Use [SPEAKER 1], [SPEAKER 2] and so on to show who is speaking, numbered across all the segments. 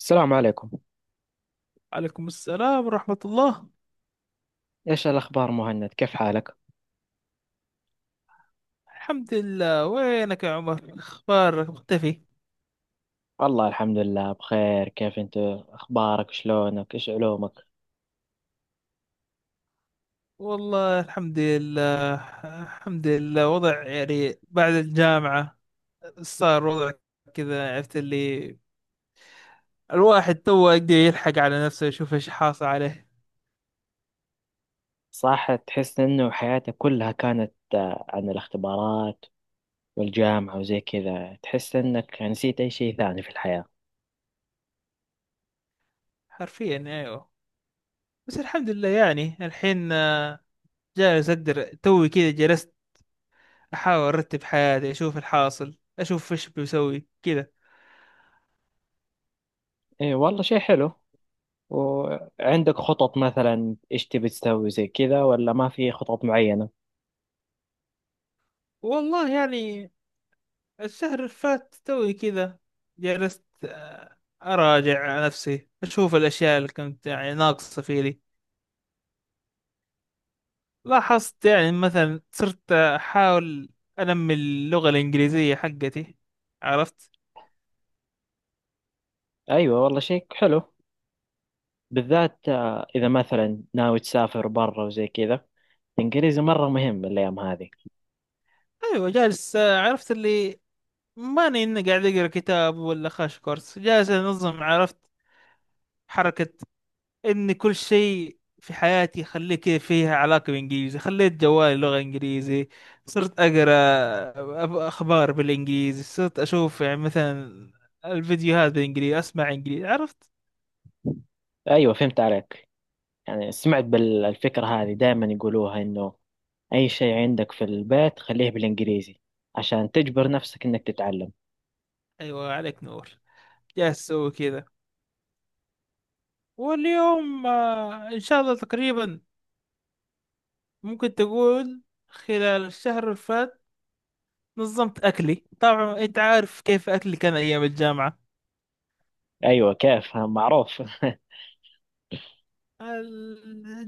[SPEAKER 1] السلام عليكم.
[SPEAKER 2] عليكم السلام ورحمة الله.
[SPEAKER 1] ايش الاخبار مهند؟ كيف حالك؟
[SPEAKER 2] الحمد لله، وينك يا عمر؟ اخبارك مختفي.
[SPEAKER 1] والله الحمد لله بخير. كيف انت؟ اخبارك، شلونك، ايش علومك؟
[SPEAKER 2] والله الحمد لله. الحمد لله، وضع يعني بعد الجامعة صار وضع كذا، عرفت اللي الواحد تو يقدر يلحق على نفسه يشوف ايش حاصل عليه.
[SPEAKER 1] صح، تحس انه حياتك كلها كانت عن الاختبارات والجامعة وزي كذا. تحس انك يعني نسيت اي شيء ثاني في الحياة.
[SPEAKER 2] حرفيا ايوه. بس الحمد لله يعني الحين جالس اقدر توي كذا. جلست احاول ارتب حياتي، اشوف الحاصل، اشوف ايش بسوي كذا.
[SPEAKER 1] ايه والله، شيء حلو. وعندك خطط مثلا؟ ايش تبي تسوي زي كذا ولا ما في خطط معينة؟
[SPEAKER 2] والله يعني الشهر اللي فات توي كذا جلست، أراجع نفسي، أشوف الأشياء اللي كنت يعني ناقصة فيني. لاحظت يعني مثلا صرت أحاول أنمي اللغة الإنجليزية حقتي، عرفت.
[SPEAKER 1] ايوه والله، شيء حلو، بالذات اذا مثلا ناوي تسافر برا وزي كذا. الانجليزي مرة مهم الايام هذه.
[SPEAKER 2] أيوة جالس، عرفت اللي ماني إني قاعد أقرأ كتاب ولا خاش كورس، جالس أنظم، عرفت. حركة ان كل شيء في حياتي خليك فيها علاقة بالانجليزي، خليت جوالي لغة انجليزي، صرت اقرا اخبار بالانجليزي، صرت اشوف يعني مثلا الفيديوهات بالانجليزي، اسمع انجليزي، عرفت.
[SPEAKER 1] ايوه، فهمت عليك. يعني سمعت بالفكره هذه، دائما يقولوها انه اي شيء عندك في البيت خليه بالانجليزي عشان تجبر نفسك انك تتعلم.
[SPEAKER 2] ايوه عليك نور. جالس اسوي كذا. واليوم ان شاء الله تقريبا ممكن تقول خلال الشهر اللي فات نظمت اكلي. طبعا انت عارف كيف اكلي كان ايام الجامعة.
[SPEAKER 1] ايوه. كيف؟ ها، معروف.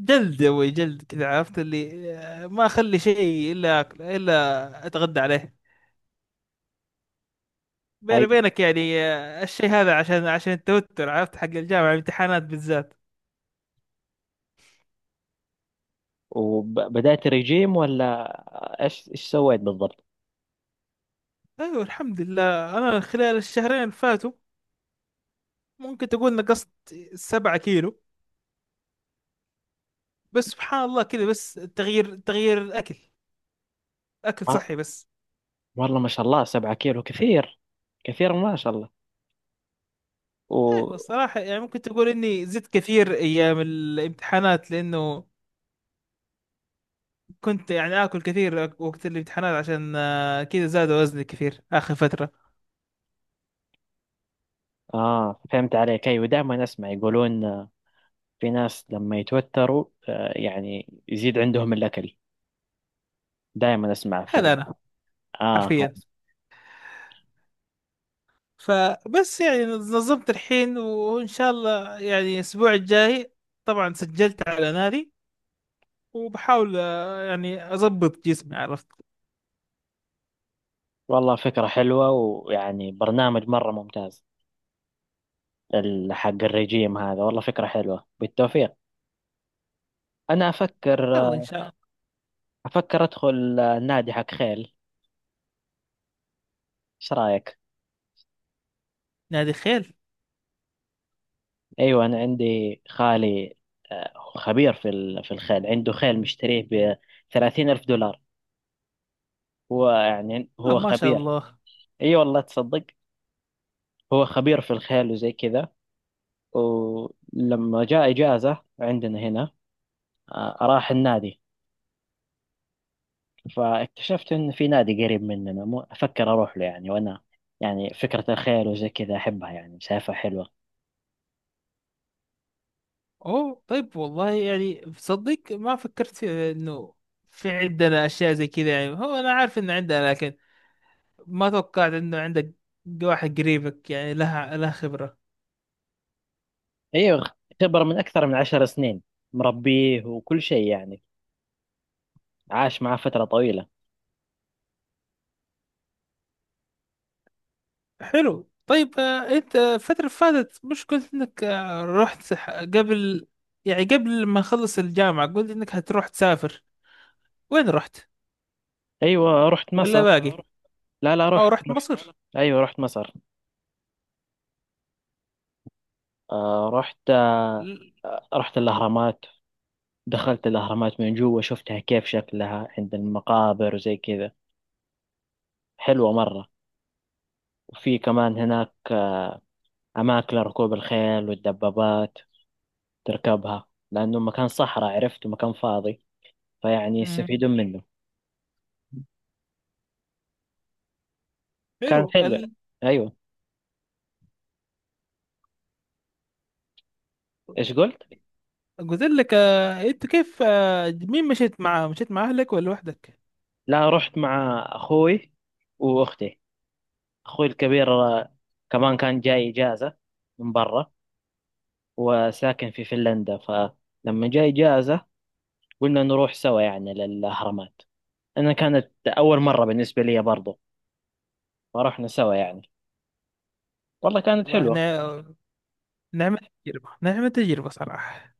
[SPEAKER 2] جلد يا ابوي، جلد، كذا، عرفت اللي، ما اخلي شيء الا أكل، الا اتغدى عليه. بيني
[SPEAKER 1] ايوه.
[SPEAKER 2] بينك يعني، الشيء هذا عشان التوتر، عرفت، حق الجامعه الامتحانات بالذات.
[SPEAKER 1] وبدأت رجيم، ولا ايش سويت بالضبط؟
[SPEAKER 2] ايوه الحمد لله انا خلال الشهرين اللي فاتوا ممكن تقول نقصت 7 كيلو. بس سبحان الله، كذا بس تغيير الاكل، اكل صحي
[SPEAKER 1] آه،
[SPEAKER 2] بس.
[SPEAKER 1] والله ما شاء الله، 7 كيلو كثير. كثير، ما شاء الله. و
[SPEAKER 2] ايوه الصراحه يعني ممكن تقول اني زدت كثير ايام الامتحانات، لانه كنت يعني آكل كثير وقت الامتحانات، عشان كذا زاد وزني كثير آخر فترة.
[SPEAKER 1] اه فهمت عليك. ايوه، دائما اسمع يقولون في ناس لما يتوتروا يعني يزيد عندهم الاكل. دائما اسمع في
[SPEAKER 2] هذا أنا
[SPEAKER 1] اه
[SPEAKER 2] حرفيا. فبس يعني نظمت الحين، وإن شاء الله يعني الأسبوع الجاي طبعا سجلت على نادي، وبحاول يعني أضبط جسمي، عرفت.
[SPEAKER 1] والله فكرة حلوة، ويعني برنامج مرة ممتاز. حق الرجيم هذا، والله فكرة حلوة، بالتوفيق. أنا أفكر
[SPEAKER 2] يلا إن شاء الله.
[SPEAKER 1] أفكر أدخل نادي حق خيل. إيش رأيك؟
[SPEAKER 2] نادي خيل؟
[SPEAKER 1] أيوة، أنا عندي خالي خبير في الخيل، عنده خيل مشتريه ب 30 ألف دولار. هو يعني
[SPEAKER 2] آه
[SPEAKER 1] هو
[SPEAKER 2] ما شاء
[SPEAKER 1] خبير.
[SPEAKER 2] الله.
[SPEAKER 1] أي والله، تصدق، هو خبير في الخيل وزي كذا. ولما جاء إجازة عندنا هنا راح النادي. فاكتشفت إن في نادي قريب مننا، مو أفكر أروح له يعني. وأنا يعني فكرة الخيل وزي كذا أحبها، يعني شايفها حلوة.
[SPEAKER 2] أوه طيب، والله يعني صدق ما فكرت في إنه في عندنا أشياء زي كذا. يعني هو أنا عارف إن عندنا، لكن ما توقعت انه عندك واحد قريبك يعني لها خبرة.
[SPEAKER 1] أيوة، خبرة من أكثر من 10 سنين. مربيه وكل شيء يعني، عاش معاه فترة طويلة.
[SPEAKER 2] حلو طيب، انت الفترة اللي فاتت مش قلت انك رحت قبل يعني قبل ما اخلص الجامعة، قلت انك هتروح تسافر. وين رحت؟
[SPEAKER 1] أيوة، رحت
[SPEAKER 2] ولا اه
[SPEAKER 1] مصر.
[SPEAKER 2] باقي رحت؟
[SPEAKER 1] لا لا،
[SPEAKER 2] اه أو
[SPEAKER 1] رحت
[SPEAKER 2] رحت اه
[SPEAKER 1] رحت
[SPEAKER 2] مصر رحت؟
[SPEAKER 1] أيوة، رحت مصر. آه رحت آه،
[SPEAKER 2] ل-
[SPEAKER 1] رحت الأهرامات. دخلت الأهرامات من جوا، شفتها كيف شكلها عند المقابر وزي كذا، حلوة مرة. وفي كمان هناك أماكن لركوب الخيل والدبابات تركبها، لأنه مكان صحراء عرفت، ومكان فاضي فيعني
[SPEAKER 2] مم.
[SPEAKER 1] يستفيدون منه.
[SPEAKER 2] حلو
[SPEAKER 1] كان حلو. أيوه. إيش قلت؟
[SPEAKER 2] قلت لك انت كيف مين مشيت معاه؟ مشيت مع اهلك ولا لوحدك؟
[SPEAKER 1] لا، رحت مع أخوي وأختي. أخوي الكبير كمان كان جاي إجازة من برا، وساكن في فنلندا، فلما جاي إجازة قلنا نروح سوا يعني للأهرامات. أنا كانت أول مرة بالنسبة لي برضو، فرحنا سوا يعني. والله كانت
[SPEAKER 2] والله لا
[SPEAKER 1] حلوة.
[SPEAKER 2] نا- نعمة تجربة، نعمة تجربة صراحة.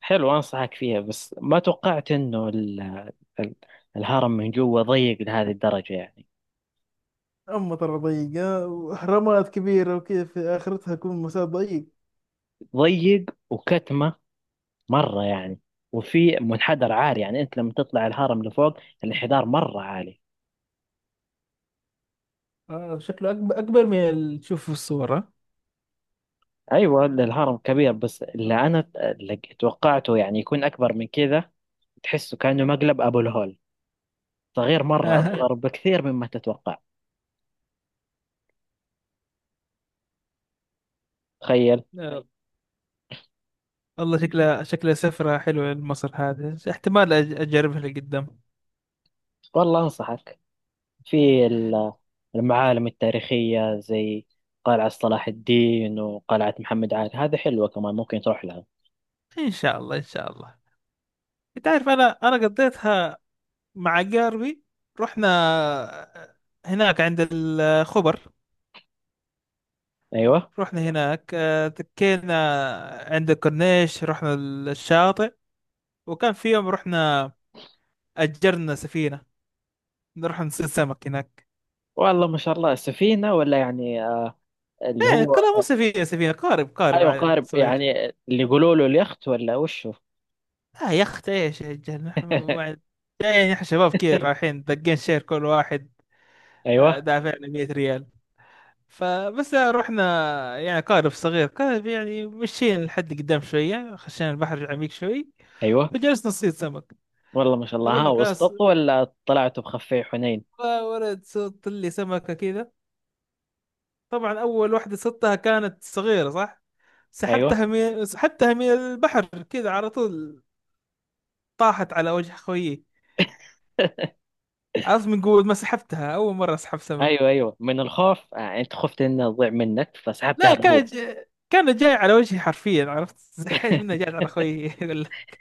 [SPEAKER 1] حلو، أنصحك فيها. بس ما توقعت إنه ال- الهرم من جوا ضيق لهذه الدرجة يعني.
[SPEAKER 2] أما ترى ضيقة، وأهرامات كبيرة وكذا في آخرتها يكون مسار ضيق.
[SPEAKER 1] ضيق وكتمة مرة يعني. وفي منحدر عالي، يعني أنت لما تطلع الهرم لفوق الانحدار مرة عالي.
[SPEAKER 2] آه شكله أكبر، أكبر من اللي تشوفه في الصورة.
[SPEAKER 1] أيوة، الهرم كبير، بس اللي أنا اللي توقعته يعني يكون أكبر من كذا. تحسه كأنه مقلب. أبو الهول صغير مرة،
[SPEAKER 2] آه.
[SPEAKER 1] أصغر بكثير مما تتوقع. تخيل.
[SPEAKER 2] آه. الله، شكلها شكلها سفرة حلوة لمصر هذه، احتمال أجربها لقدام.
[SPEAKER 1] والله أنصحك في المعالم التاريخية، زي قلعة صلاح الدين وقلعة محمد علي، هذا حلوة كمان ممكن تروح لها.
[SPEAKER 2] إن شاء الله إن شاء الله. أنت عارف أنا، قضيتها مع قاربي. رحنا هناك عند الخبر.
[SPEAKER 1] أيوة.
[SPEAKER 2] رحنا هناك، تكينا عند الكورنيش، رحنا الشاطئ. وكان في يوم رحنا أجرنا سفينة نروح نصيد سمك هناك.
[SPEAKER 1] والله ما شاء الله، سفينة ولا يعني اللي
[SPEAKER 2] ايه،
[SPEAKER 1] هو؟
[SPEAKER 2] كلها مو سفينة سفينة، قارب، قارب
[SPEAKER 1] أيوة،
[SPEAKER 2] عادي
[SPEAKER 1] قارب
[SPEAKER 2] صغير.
[SPEAKER 1] يعني اللي يقولوا له اليخت ولا وشو؟
[SPEAKER 2] اه يا اخت ايش يا رجال، نحن جايين احنا شباب كثير رايحين دقين شير كل واحد
[SPEAKER 1] أيوة،
[SPEAKER 2] دافعنا 100 ريال. فبس رحنا، يعني قارب صغير، قارب يعني مشينا لحد قدام شوية، خشينا البحر عميق شوي،
[SPEAKER 1] أيوة.
[SPEAKER 2] وجلسنا نصيد سمك.
[SPEAKER 1] والله ما شاء الله،
[SPEAKER 2] اقول
[SPEAKER 1] ها،
[SPEAKER 2] لك
[SPEAKER 1] وسطت ولا طلعتوا بخفي حنين؟
[SPEAKER 2] يا ولد، صدت لي سمكة كذا. طبعا اول واحدة صدتها كانت صغيرة صح،
[SPEAKER 1] أيوة.
[SPEAKER 2] سحبتها من البحر كذا على طول، طاحت على وجه خويي. عرفت، من قوة ما سحبتها، أول مرة أسحب سمك.
[SPEAKER 1] أيوة، أيوة، من الخوف أنت خفت إنها تضيع منك فسحبتها
[SPEAKER 2] لا كان
[SPEAKER 1] بقوة.
[SPEAKER 2] ج... كان جاي على وجهي حرفيا، عرفت، زحيت منه جاي على خويي يقول لك.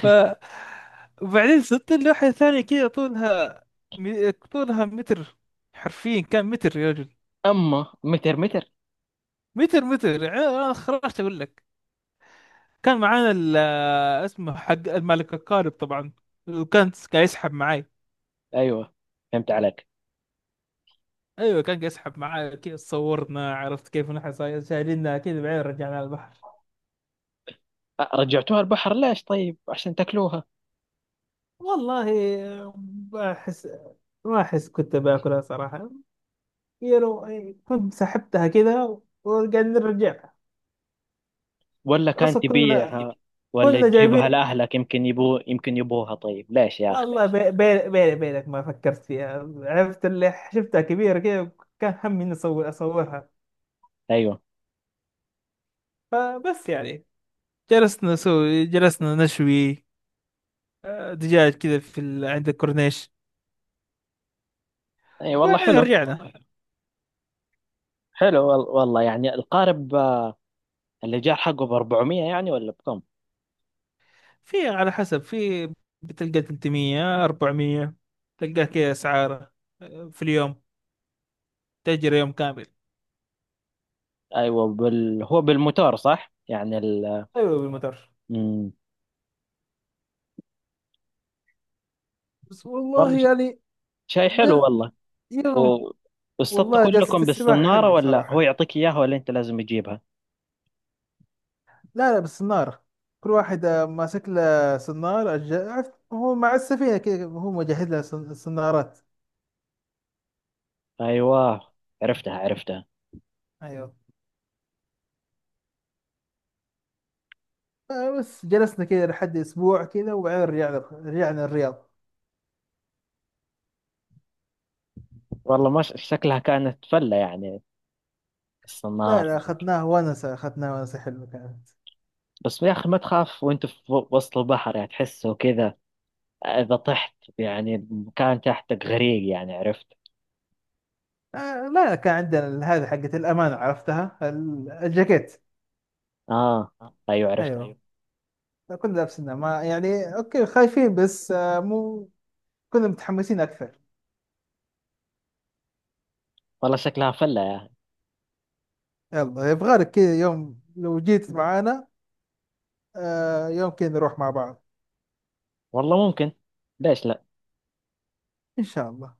[SPEAKER 2] ف وبعدين صرت اللوحة الثانية كذا طولها، طولها متر، حرفيا كان متر يا رجل.
[SPEAKER 1] أما متر، متر.
[SPEAKER 2] متر متر يعني. أنا خرجت أقول لك، كان معانا اسمه حق الملك القارب طبعا، وكان قاعد يسحب معي.
[SPEAKER 1] أيوة، فهمت عليك.
[SPEAKER 2] ايوه كان يسحب معاه كيف صورنا، عرفت كيف نحن شايلينها كذا، بعدين رجعنا على البحر.
[SPEAKER 1] رجعتوها البحر؟ ليش؟ طيب عشان تاكلوها،
[SPEAKER 2] والله ما احس ما احس كنت باكلها صراحه. يعني كنت سحبتها كذا وقاعدين نرجعها.
[SPEAKER 1] ولا كان
[SPEAKER 2] اصلا
[SPEAKER 1] تبيعها، ولا
[SPEAKER 2] كنا
[SPEAKER 1] تجيبها
[SPEAKER 2] جايبين.
[SPEAKER 1] لاهلك، يمكن يبوها طيب؟ ليش يا اخي؟
[SPEAKER 2] والله بيني بينك ما فكرت فيها، عرفت اللي شفتها كبيره كذا، كان همي اني اصور، اصورها.
[SPEAKER 1] ايوه.
[SPEAKER 2] فبس يعني جلسنا نشوي دجاج كذا في عند الكورنيش،
[SPEAKER 1] اي والله،
[SPEAKER 2] وبعدين
[SPEAKER 1] حلو.
[SPEAKER 2] رجعنا.
[SPEAKER 1] حلو، والله يعني القارب اللي جاء حقه ب 400 يعني، ولا بكم؟
[SPEAKER 2] في على حسب، بتلقى 300، 400 تلقاه كذا اسعاره، في اليوم، تأجر يوم كامل.
[SPEAKER 1] ايوه، هو بالموتور، صح يعني
[SPEAKER 2] ايوه بالمتر.
[SPEAKER 1] مم.
[SPEAKER 2] بس
[SPEAKER 1] والله
[SPEAKER 2] والله يعني
[SPEAKER 1] شيء حلو
[SPEAKER 2] جل...
[SPEAKER 1] والله. و...
[SPEAKER 2] يوم.
[SPEAKER 1] واصطدت
[SPEAKER 2] والله جلسة
[SPEAKER 1] كلكم
[SPEAKER 2] السباحة
[SPEAKER 1] بالصنارة،
[SPEAKER 2] حلوة
[SPEAKER 1] ولا هو
[SPEAKER 2] صراحة.
[SPEAKER 1] يعطيك اياها، ولا انت لازم تجيبها؟
[SPEAKER 2] لا لا بالصنارة. كل واحد ماسك له صنارة، عرفت هو مع السفينة كذا هو مجهز لها، صنارات.
[SPEAKER 1] ايوه، عرفتها.
[SPEAKER 2] أيوه. بس جلسنا كذا لحد أسبوع كذا وبعدين رجعنا، رجعنا الرياض.
[SPEAKER 1] والله ما ش- شكلها كانت فلة يعني.
[SPEAKER 2] لا
[SPEAKER 1] السنارة
[SPEAKER 2] لا
[SPEAKER 1] زي كده.
[SPEAKER 2] أخذناها ونسة، أخذناها ونسة حلوة كانت.
[SPEAKER 1] بس يا أخي، ما تخاف وأنت في وسط البحر؟ يعني تحسه كذا إذا طحت، يعني المكان تحتك غريق يعني، عرفت.
[SPEAKER 2] آه لا، كان عندنا هذه حقت الأمانة، عرفتها، الجاكيت.
[SPEAKER 1] آه أيوة، عرفت.
[SPEAKER 2] أيوه. ايوه كنا لابسينها، ما يعني أوكي خايفين، بس آه مو، كنا متحمسين أكثر.
[SPEAKER 1] والله شكلها فلة يا أخي.
[SPEAKER 2] يلا يبغى لك كذا يوم لو جيت معانا، آه يوم كذا نروح مع بعض.
[SPEAKER 1] والله ممكن، ليش لا.
[SPEAKER 2] إن شاء الله.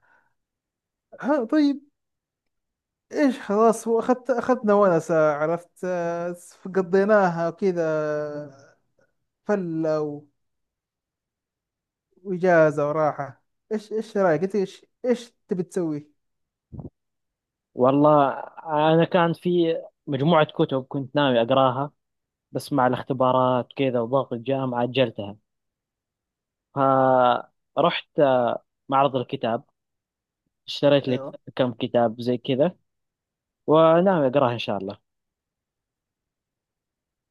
[SPEAKER 2] ها طيب، إيش؟ خلاص، أخذنا ونسة، عرفت آه، قضيناها كذا فلة، وإجازة وراحة. إيش، رأيك أنت؟ إيش، تبي تسوي؟
[SPEAKER 1] والله، أنا كان في مجموعة كتب كنت ناوي أقراها، بس مع الاختبارات كذا وضغط الجامعة أجلتها. فرحت معرض الكتاب، اشتريت لي كم كتاب زي كذا، وناوي أقراها إن شاء الله.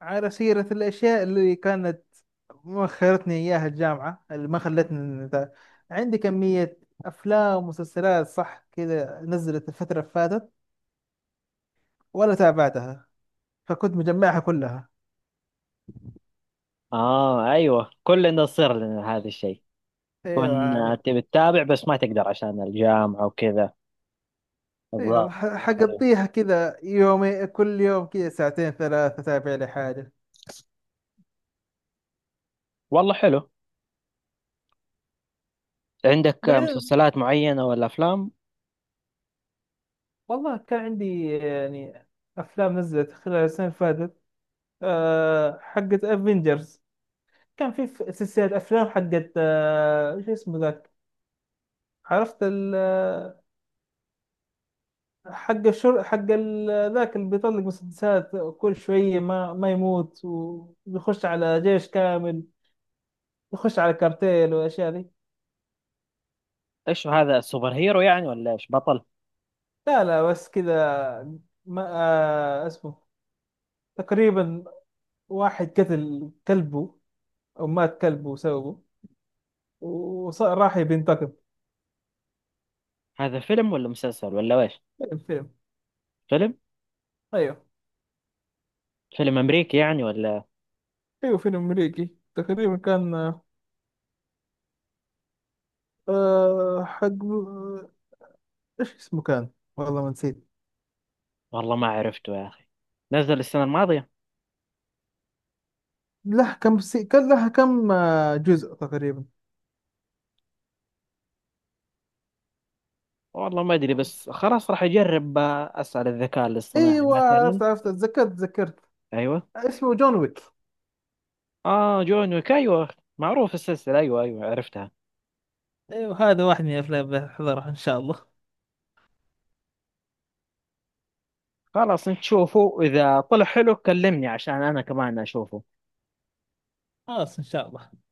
[SPEAKER 2] على سيرة الأشياء اللي كانت مؤخرتني إياها الجامعة، اللي ما خلتني عندي كمية أفلام ومسلسلات صح كذا نزلت الفترة اللي فاتت، ولا تابعتها، فكنت مجمعها كلها.
[SPEAKER 1] اه ايوه، كلنا يصير لنا هذا الشيء.
[SPEAKER 2] أيوة
[SPEAKER 1] كنا
[SPEAKER 2] عليك.
[SPEAKER 1] تبي تتابع بس ما تقدر عشان الجامعة وكذا، الظاهر.
[SPEAKER 2] أيوة
[SPEAKER 1] ايوه،
[SPEAKER 2] حقضيها كذا يومي، كل يوم كذا ساعتين ثلاثة أتابع لي حاجة.
[SPEAKER 1] والله حلو. عندك
[SPEAKER 2] بعدين،
[SPEAKER 1] مسلسلات معينة ولا افلام؟
[SPEAKER 2] والله كان عندي يعني أفلام نزلت خلال السنة اللي فاتت، أه حقت افنجرز. كان في سلسلة أفلام حقت، شو اسمه ذاك، عرفت، ال حق الشر حق ال- ذاك اللي بيطلق مسدسات كل شوية، ما يموت، ويخش على جيش كامل، يخش على كارتيل والأشياء دي.
[SPEAKER 1] ايش هذا، سوبر هيرو يعني ولا ايش، بطل؟
[SPEAKER 2] لا لا بس كذا، ما اسمه. تقريبا واحد قتل كلبه، أو مات كلبه وسوه، وراح يبي ينتقم.
[SPEAKER 1] هذا فيلم ولا مسلسل ولا ايش؟
[SPEAKER 2] فيلم، فيلم.
[SPEAKER 1] فيلم،
[SPEAKER 2] أيوه.
[SPEAKER 1] فيلم امريكي يعني ولا؟
[SPEAKER 2] أيوه فيلم أمريكي تقريبا كان، آه حق إيش اسمه كان، والله ما نسيت.
[SPEAKER 1] والله ما عرفته يا اخي. نزل السنة الماضية؟
[SPEAKER 2] له كم كان لها كم جزء تقريبا.
[SPEAKER 1] والله ما ادري، بس خلاص راح اجرب اسأل الذكاء الاصطناعي
[SPEAKER 2] ايوه
[SPEAKER 1] مثلا.
[SPEAKER 2] عرفت، عرفت، تذكرت تذكرت.
[SPEAKER 1] ايوه.
[SPEAKER 2] اسمه جون ويك.
[SPEAKER 1] اه جون ويك، ايوه. معروف السلسلة، ايوه، ايوه، عرفتها.
[SPEAKER 2] ايوه هذا واحد من الافلام بحضرها ان شاء الله.
[SPEAKER 1] خلاص نشوفه، إذا طلع حلو كلمني عشان أنا كمان أشوفه.
[SPEAKER 2] خلاص ان شاء الله.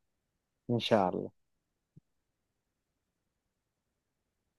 [SPEAKER 1] إن شاء الله.